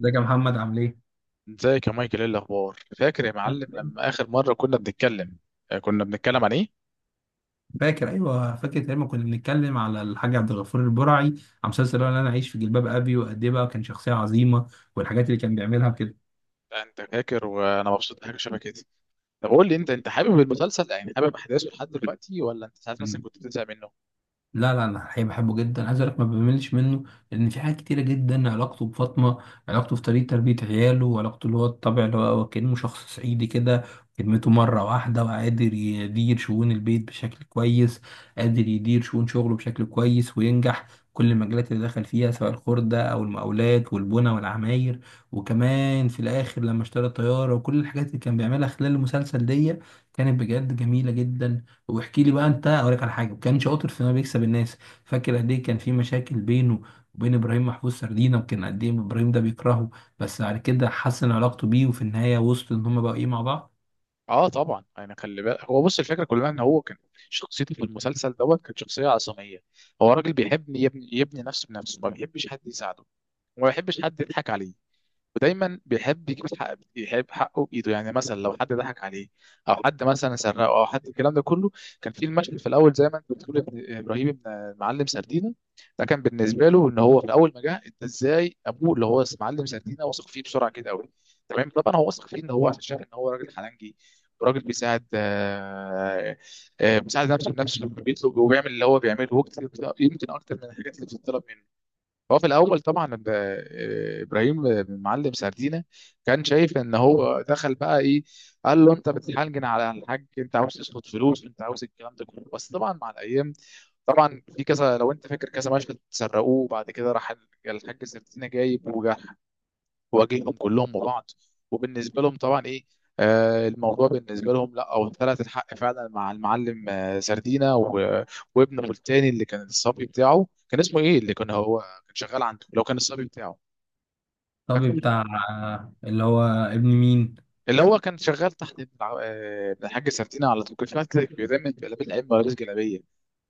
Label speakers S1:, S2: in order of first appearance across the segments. S1: ازيك يا محمد، عامل ايه؟
S2: ازيك يا مايكل، ايه الاخبار؟ فاكر يا معلم لما اخر مره كنا بنتكلم؟ كنا بنتكلم عن ايه؟
S1: فاكر. ايوه فاكر لما كنا بنتكلم على الحاج عبد الغفور البرعي، على مسلسل اللي انا عايش في جلباب ابي. وقد ايه بقى كان شخصيه عظيمه، والحاجات اللي كان بيعملها وكده.
S2: لا، انت فاكر وانا مبسوط بحاجه شبه كده. طب قول لي انت، حابب المسلسل؟ يعني حابب احداثه لحد دلوقتي ولا انت ساعات مثلا كنت بتزهق منه؟
S1: لا لا، انا حقيقي بحبه جدا. عايز اقول لك ما بملش منه، لان في حاجات كتيره جدا. علاقته بفاطمه، علاقته في طريقه تربيه عياله، وعلاقته اللي هو الطبع اللي هو كانه شخص صعيدي كده. كلمته مره واحده، وقادر يدير شؤون البيت بشكل كويس، قادر يدير شؤون شغله بشكل كويس وينجح. كل المجالات اللي دخل فيها سواء الخردة أو المقاولات والبنى والعماير. وكمان في الآخر لما اشترى الطيارة وكل الحاجات اللي كان بيعملها خلال المسلسل دي، كانت بجد جميلة جدا. واحكي لي بقى انت. اقول لك على حاجه: كان شاطر في انه بيكسب الناس. فاكر قد ايه كان في مشاكل بينه وبين ابراهيم محفوظ سردينه، وكان قد ايه ابراهيم ده بيكرهه. بس بعد كده حسن علاقته بيه، وفي النهايه وصلوا ان هم بقوا ايه مع بعض.
S2: اه طبعا، يعني خلي بالك، هو بص، الفكره كلها ان هو كان شخصيته في المسلسل دوت كانت شخصيه عصاميه. هو راجل بيحب يبني، يبني نفسه بنفسه، ما بيحبش حد يساعده، وما بيحبش حد يضحك عليه، ودايما بيحب يجيب الحق، يحب حقه بايده. يعني مثلا لو حد ضحك عليه او حد مثلا سرقه او حد، الكلام ده كله كان في المشهد في الاول. زي ما انت بتقول، يا ابراهيم ابن المعلم سردينه. ده كان بالنسبه له، ان هو في اول ما جه، انت ازاي ابوه اللي هو معلم سردينه واثق فيه بسرعه كده قوي؟ تمام، طبعا هو واثق فيه ان هو عشان شايف ان هو راجل حلنجي، وراجل بيساعد. بيساعد نفسه بنفسه، بيطلب وبيعمل اللي هو بيعمله يمكن اكتر من الحاجات اللي بتطلب منه. هو في الاول طبعا ابراهيم بن معلم سردينه كان شايف ان هو دخل بقى ايه، قال له انت بتحنجن على الحاج، انت عاوز تسلط فلوس، انت عاوز الكلام ده كله. بس طبعا مع الايام، طبعا في كذا، لو انت فاكر، كذا مشهد سرقوه وبعد كده راح الحاج سردينه جايب وجرح، واجههم كلهم وبعض. وبالنسبه لهم طبعا ايه، آه الموضوع بالنسبه لهم، لا او ثلاث الحق فعلا مع المعلم سردينا وابنه التاني اللي كان الصبي بتاعه كان اسمه ايه، اللي كان هو كان شغال عنده، اللي هو كان الصبي بتاعه،
S1: طبيب
S2: فاكره؟
S1: بتاع. اللي هو ابن مين.
S2: اللي هو كان شغال تحت ابن ابن الحاج سردينا. على طول كان شغال كده، بيرمي جلابيه الائمه ولابس جلابيه.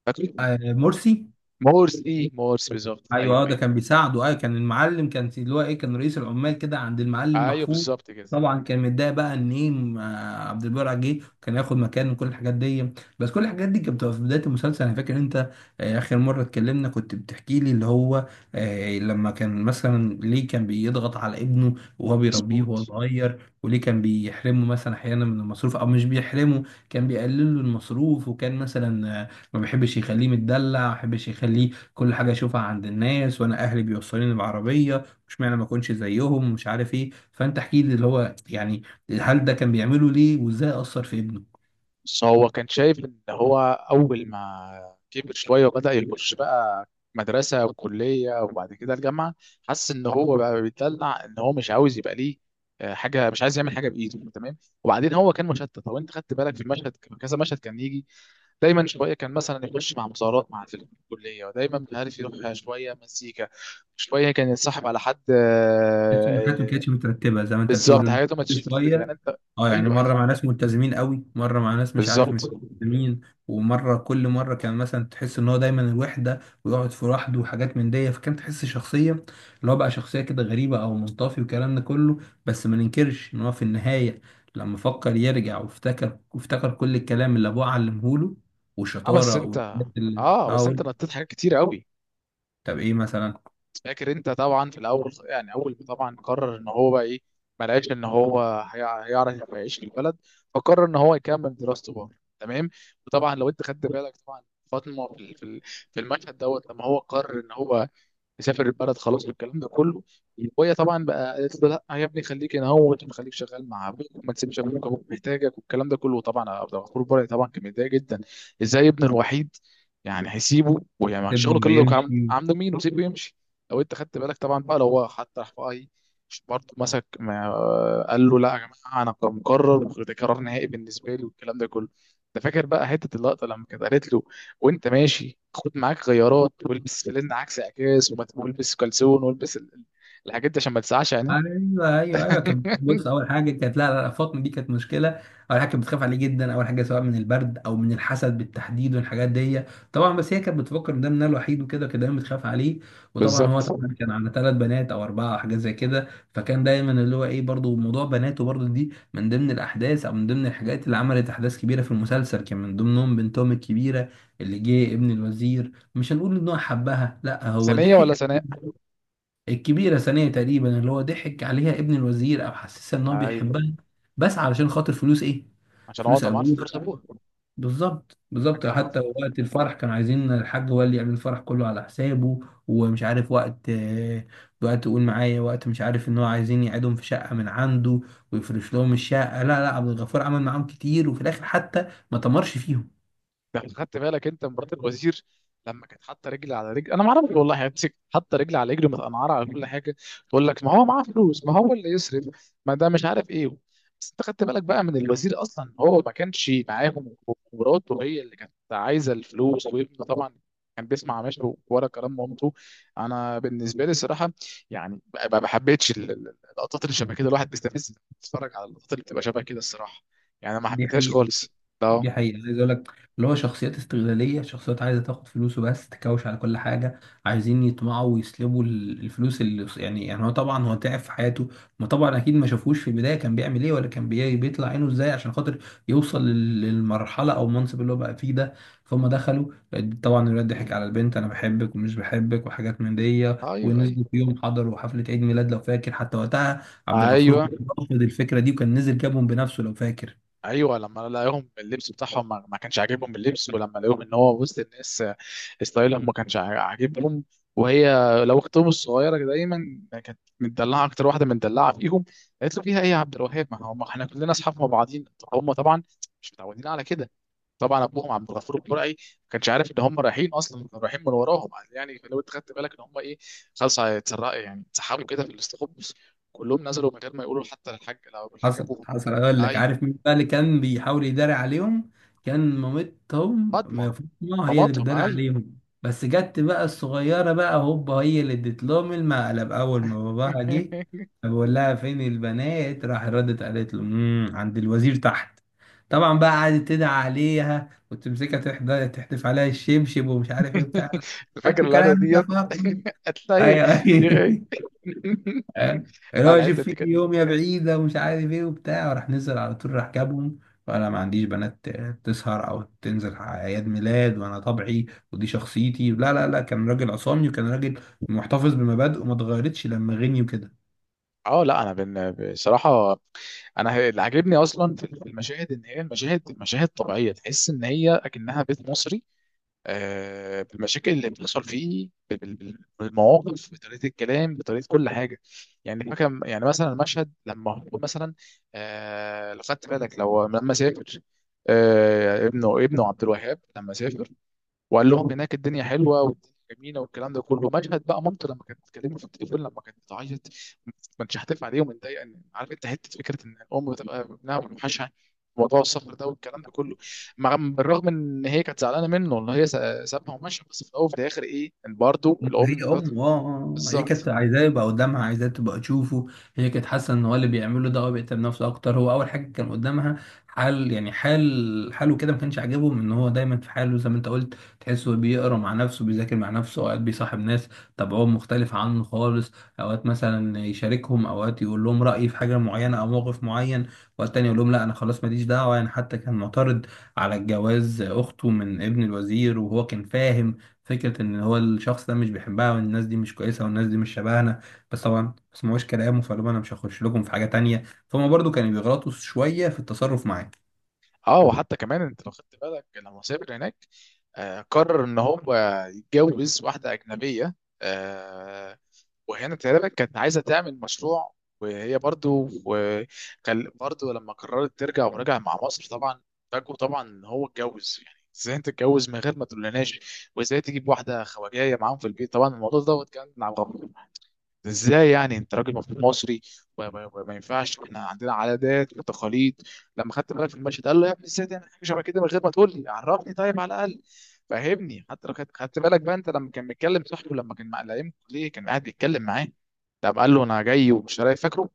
S2: فاكره؟
S1: آه، مرسي.
S2: مورس. ايه، مورس بالظبط،
S1: ايوه، اه
S2: ايوه
S1: ده
S2: ايوه.
S1: كان بيساعده. ايوه، كان المعلم، كان اللي هو ايه، كان رئيس العمال كده عند المعلم
S2: ايوه
S1: محفوظ.
S2: بالظبط كده.
S1: طبعا كان متضايق بقى ان ايه، عبد البر جه كان ياخد مكان وكل الحاجات دي. بس كل الحاجات دي كانت بتبقى في بدايه المسلسل. انا فاكر انت اخر مره اتكلمنا كنت بتحكي لي اللي هو، لما كان مثلا ليه كان بيضغط على ابنه وهو بيربيه وهو
S2: مظبوط.
S1: صغير، وليه كان بيحرمه مثلا احيانا من المصروف او مش بيحرمه، كان بيقلل له المصروف. وكان مثلا، ما بيحبش يخليه متدلع، ما بيحبش يخليه كل حاجه اشوفها عند الناس. وانا اهلي بيوصلوني بعربيه، مش معنى ما اكونش زيهم، مش عارف ايه. فانت احكي لي اللي هو يعني، هل ده كان بيعمله ليه، وازاي اثر في ابنه؟
S2: بس هو كان شايف ان هو اول ما كبر شويه وبدا يخش بقى مدرسه وكليه وبعد كده الجامعه، حس ان هو بقى بيتدلع، ان هو مش عاوز يبقى ليه حاجه، مش عايز يعمل حاجه بايده. تمام، وبعدين هو كان مشتت. لو انت خدت بالك في المشهد، كذا مشهد كان يجي دايما، شويه كان مثلا يخش مع مظاهرات مع في الكليه، ودايما مش عارف، يروح شويه مزيكا، شويه كان يتصاحب على حد.
S1: تحس ان حياتهم ما كانتش مترتبه زي ما انت بتقول،
S2: بالظبط،
S1: إن
S2: حاجاته ما
S1: كل
S2: تشتت، يعني
S1: شويه.
S2: انت.
S1: اه يعني
S2: ايوه ايوه،
S1: مره مع ناس ملتزمين قوي، مره مع ناس مش عارف،
S2: بالظبط.
S1: مش ملتزمين. ومره كل مره كان مثلا تحس ان هو دايما الوحده، ويقعد في لوحده وحاجات من دي. فكان تحس شخصيه اللي هو بقى شخصيه كده غريبه او منطفي، والكلام ده كله. بس ما ننكرش ان هو في النهايه لما فكر يرجع، وافتكر وافتكر كل الكلام اللي ابوه علمه له،
S2: اه
S1: والشطاره والحاجات اللي اه
S2: بس
S1: قول،.
S2: انت نطيت حاجات كتير قوي.
S1: طب ايه مثلا؟
S2: فاكر انت طبعا في الاول، يعني اول ما طبعا قرر ان هو بقى ايه، ما لقاش ان هو هيعرف يعيش في البلد، فقرر ان هو يكمل دراسته بره. تمام. وطبعا لو انت خدت بالك، طبعا فاطمه في المشهد دوت، لما هو قرر ان هو يسافر البلد خلاص والكلام ده كله، وهي طبعا بقى قالت له لا يا ابني، خليك هنا اهوت وخليك شغال مع ابوك، وما تسيبش ابوك، ابوك محتاجك والكلام ده كله. طبعا عبد الغفور البرعي طبعا كان متضايق جدا. ازاي ابنه الوحيد يعني هيسيبه؟ ويعني
S1: سيبني
S2: شغله كله كان
S1: ويمشي.
S2: عند مين وسيبه يمشي. لو انت خدت بالك طبعا، بقى لو هو حتى راح بقى ايه، برضه مسك، ما قال له لا يا جماعه، انا مقرر وده قرار نهائي بالنسبه لي والكلام ده كله. انت فاكر بقى حته اللقطه لما كانت قالت له وانت ماشي، خد معاك غيارات والبس فانلة عكس عكاز والبس كلسون والبس الحاجات دي عشان ما تسعش يعني.
S1: ايوه ايوه ايوه. كان كان بص، اول حاجه كانت لا لا لا، فاطمه دي كانت مشكله. اول حاجه كانت بتخاف عليه جدا، اول حاجه سواء من البرد او من الحسد بالتحديد والحاجات دي. طبعا بس هي كانت بتفكر ان ده منها الوحيد وكده، كان دايما بتخاف عليه. وطبعا هو
S2: بالظبط.
S1: طبعا كان على ثلاث بنات او اربعه حاجات زي كده. فكان دايما اللي هو ايه، برضه موضوع بناته برضه دي من ضمن الاحداث، او من ضمن الحاجات اللي عملت احداث كبيره في المسلسل، كان من ضمنهم بنتهم الكبيره اللي جه ابن الوزير. مش هنقول ان هو حبها، لا هو
S2: ثانية
S1: ضحك.
S2: ولا ثناء؟
S1: الكبيرة ثانية تقريبا، اللي هو ضحك عليها ابن الوزير، أو حسسها إن هو
S2: ايوه،
S1: بيحبها بس علشان خاطر فلوس. إيه؟
S2: عشان
S1: فلوس
S2: اقعد معاه في
S1: أبوه.
S2: الفرصة ابوها.
S1: بالظبط
S2: حاج
S1: بالظبط.
S2: عبد،
S1: حتى وقت الفرح كانوا عايزين الحاج هو اللي يعمل الفرح كله على حسابه. ومش عارف وقت، وقت يقول معايا، وقت مش عارف، إن هو عايزين يقعدهم في شقة من عنده ويفرش لهم الشقة. لا لا، عبد الغفور عمل معاهم كتير، وفي الآخر حتى ما تمرش فيهم.
S2: ده أنت خدت بالك انت، مرات الوزير لما كانت حاطه رجل على رجل؟ انا ما اعرفش والله، يعني حاطه رجل على رجل، متقنعره على كل حاجه. تقول لك ما هو معاه فلوس، ما هو اللي يصرف، ما ده مش عارف ايه. بس انت خدت بالك بقى، من الوزير اصلا هو ما كانش معاهم، ومراته هي اللي كانت عايزه الفلوس، وابنه طبعا كان بيسمع ماشي ورا كلام مامته. انا بالنسبه لي الصراحه يعني، ما حبيتش اللقطات اللي شبه كده. الواحد بيستفز لما بيتفرج على اللقطات اللي بتبقى شبه كده الصراحه، يعني ما
S1: دي
S2: حبيتهاش
S1: حقيقة.
S2: خالص. لا.
S1: دي حقيقة، عايز اقول لك اللي هو شخصيات استغلالية، شخصيات عايزة تاخد فلوسه بس، تكوش على كل حاجة. عايزين يطمعوا ويسلبوا الفلوس اللي، يعني هو طبعا هو تعب في حياته. ما طبعا اكيد ما شافوش في البداية كان بيعمل ايه، ولا كان بيطلع عينه ازاي عشان خاطر يوصل للمرحلة او المنصب اللي هو بقى فيه ده. فهم دخلوا طبعا. الولاد ضحك على البنت، انا بحبك ومش بحبك وحاجات من دي.
S2: ايوه ايوه
S1: ونزلوا في يوم، حضروا حفلة عيد ميلاد لو فاكر. حتى وقتها عبد الغفور
S2: ايوه.
S1: كان رافض الفكرة دي، وكان نزل جابهم بنفسه لو فاكر.
S2: ايوه لما لقاهم اللبس بتاعهم ما كانش عاجبهم اللبس، ولما لقاهم ان هو وسط الناس، ستايلهم ما كانش عاجبهم. وهي، لو اختهم الصغيره دايما كانت متدلعه، اكتر واحده متدلعه فيهم، قالت له فيها ايه يا عبد الوهاب، ما هم احنا كلنا اصحاب مع بعضين. هم طبعا مش متعودين على كده. طبعا ابوهم عبد الغفور البرعي ما كانش عارف ان هم رايحين اصلا، كانوا رايحين من وراهم. يعني لو انت خدت بالك، ان هم ايه، خلاص هيتسرقوا، يعني اتسحبوا كده في الاستخبص، كلهم نزلوا من غير ما يقولوا حتى للحاج، لو الحاج
S1: حصل
S2: ابوهم.
S1: حصل. اقول لك
S2: ايوه،
S1: عارف مين بقى اللي كان بيحاول يداري عليهم؟ كان مامتهم.
S2: فاطمه.
S1: فاطمه هي اللي
S2: ماماتهم،
S1: بتداري
S2: ايوه.
S1: عليهم. بس جت بقى الصغيره بقى هوبا، هي اللي اديت لهم المقلب اول ما باباها جه. بقول لها فين البنات، راح ردت قالت له عند الوزير تحت. طبعا بقى قعدت تدعي عليها وتمسكها، تحدف عليها الشبشب، ومش عارف ايه بتاع.
S2: فاكر
S1: ماشي
S2: القعده
S1: كلامك يا
S2: ديت؟
S1: فاطمه.
S2: هتلاقي.
S1: ايوه فاهم؟ اللي
S2: لا،
S1: هو
S2: الحته
S1: شوف
S2: دي
S1: فيك
S2: كانت.
S1: يوم يا بعيدة ومش عارف ايه وبتاع، وراح نزل على طول، راح جابهم. وانا ما عنديش بنات تسهر او تنزل على اعياد ميلاد، وانا طبعي ودي شخصيتي، لا لا لا، كان راجل عصامي، وكان راجل محتفظ بمبادئه وما اتغيرتش لما غني وكده.
S2: اه لا، انا بصراحه انا اللي عاجبني اصلا في المشاهد، ان هي المشاهد مشاهد طبيعيه، تحس ان هي اكنها بيت مصري، بالمشاكل اللي بتحصل فيه، بالمواقف، بطريقه الكلام، بطريقه كل حاجه. يعني فاكر يعني مثلا المشهد لما هو مثلا، لو خدت بالك لو لما سافر، ابنه عبد الوهاب لما سافر، وقال لهم هناك الدنيا حلوه والدنيا جميله والكلام ده كله. مشهد بقى مامته لما كانت بتكلمه في التليفون، لما كانت بتعيط، ما كانتش هتف عليه ومتضايقه، ان عارف انت حته فكره ان الام بتبقى ابنها بتوحشها، موضوع السفر ده والكلام ده كله. مع بالرغم ان هي كانت زعلانه منه ان هي سابها ومشى، بس في الاول وفي الاخر ايه ان برضه
S1: هي
S2: الام برضه.
S1: امه. هي كانت
S2: بالظبط.
S1: عايزاه يبقى قدامها، عايزاه تبقى تشوفه. هي كانت حاسه ان هو اللي بيعمله ده هو بيهتم بنفسه اكتر، هو اول حاجه كان قدامها. حال يعني حال حاله كده، ما كانش عاجبهم ان هو دايما في حاله زي ما انت قلت. تحسه بيقرا مع نفسه، بيذاكر مع نفسه، اوقات بيصاحب ناس طبعهم مختلف عنه خالص. اوقات مثلا يشاركهم، اوقات يقول لهم رايه في حاجه معينه او موقف معين، اوقات تاني يقول لهم لا انا خلاص ماليش دعوه يعني. حتى كان معترض على الجواز اخته من ابن الوزير، وهو كان فاهم فكرة إن هو الشخص ده مش بيحبها، والناس دي مش كويسة، والناس دي مش شبهنا. بس طبعا ما سمعوش كلامه، فقالوا له أنا مش هخش لكم في حاجة تانية. فهم برضو كانوا بيغلطوا شوية في التصرف معاه.
S2: اه، وحتى كمان انت لو خدت بالك لما سافر هناك، قرر ان هو يتجوز واحده اجنبيه. آه، وهنا تقريبا كانت عايزه تعمل مشروع، وهي برضو، وكان برضو لما قررت ترجع ورجع مع مصر طبعا، فاجئوا طبعا ان هو اتجوز. يعني ازاي انت تتجوز من غير ما تقولناش، وازاي تجيب واحده خواجايه معاهم في البيت؟ طبعا الموضوع دوت كان عبقري. ازاي يعني انت راجل المفروض مصري، وما ينفعش، احنا عندنا عادات وتقاليد. لما خدت بالك في المشهد قال له يا ابني ازاي تعمل حاجه شبه كده من غير ما تقول لي؟ عرفني طيب، على الاقل فهمني. حتى لو خدت بالك بقى انت لما كان بيتكلم صاحبه، لما كان مع لئيم، ليه كان قاعد بيتكلم معاه؟ طب قال له انا جاي ومش رايح، فاكره؟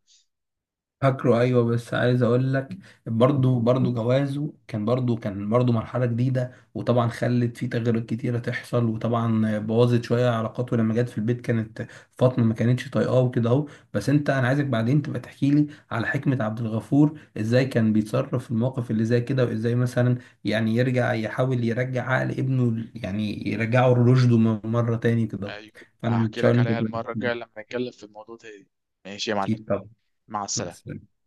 S1: فاكره ايوه، بس عايز اقول لك، برضه جوازه كان برضه مرحله جديده، وطبعا خلت فيه تغيرات كتيره تحصل، وطبعا بوظت شويه علاقاته. لما جت في البيت، كانت فاطمه ما كانتش طايقاه وكده اهو. بس انت، انا عايزك بعدين تبقى تحكي لي على حكمه عبد الغفور ازاي كان بيتصرف في المواقف اللي زي كده، وازاي مثلا يعني يرجع، يحاول يرجع عقل ابنه يعني يرجعه لرشده مره تاني كده اهو.
S2: ايوه.
S1: فانا
S2: هحكي
S1: متشوق
S2: لك
S1: ان انت
S2: عليها
S1: تبقى تحكي
S2: المره
S1: لي.
S2: الجايه لما نتكلم في الموضوع ده. ماشي يا معلم.
S1: اكيد طبعا.
S2: مع
S1: مع
S2: السلامه.
S1: السلامه.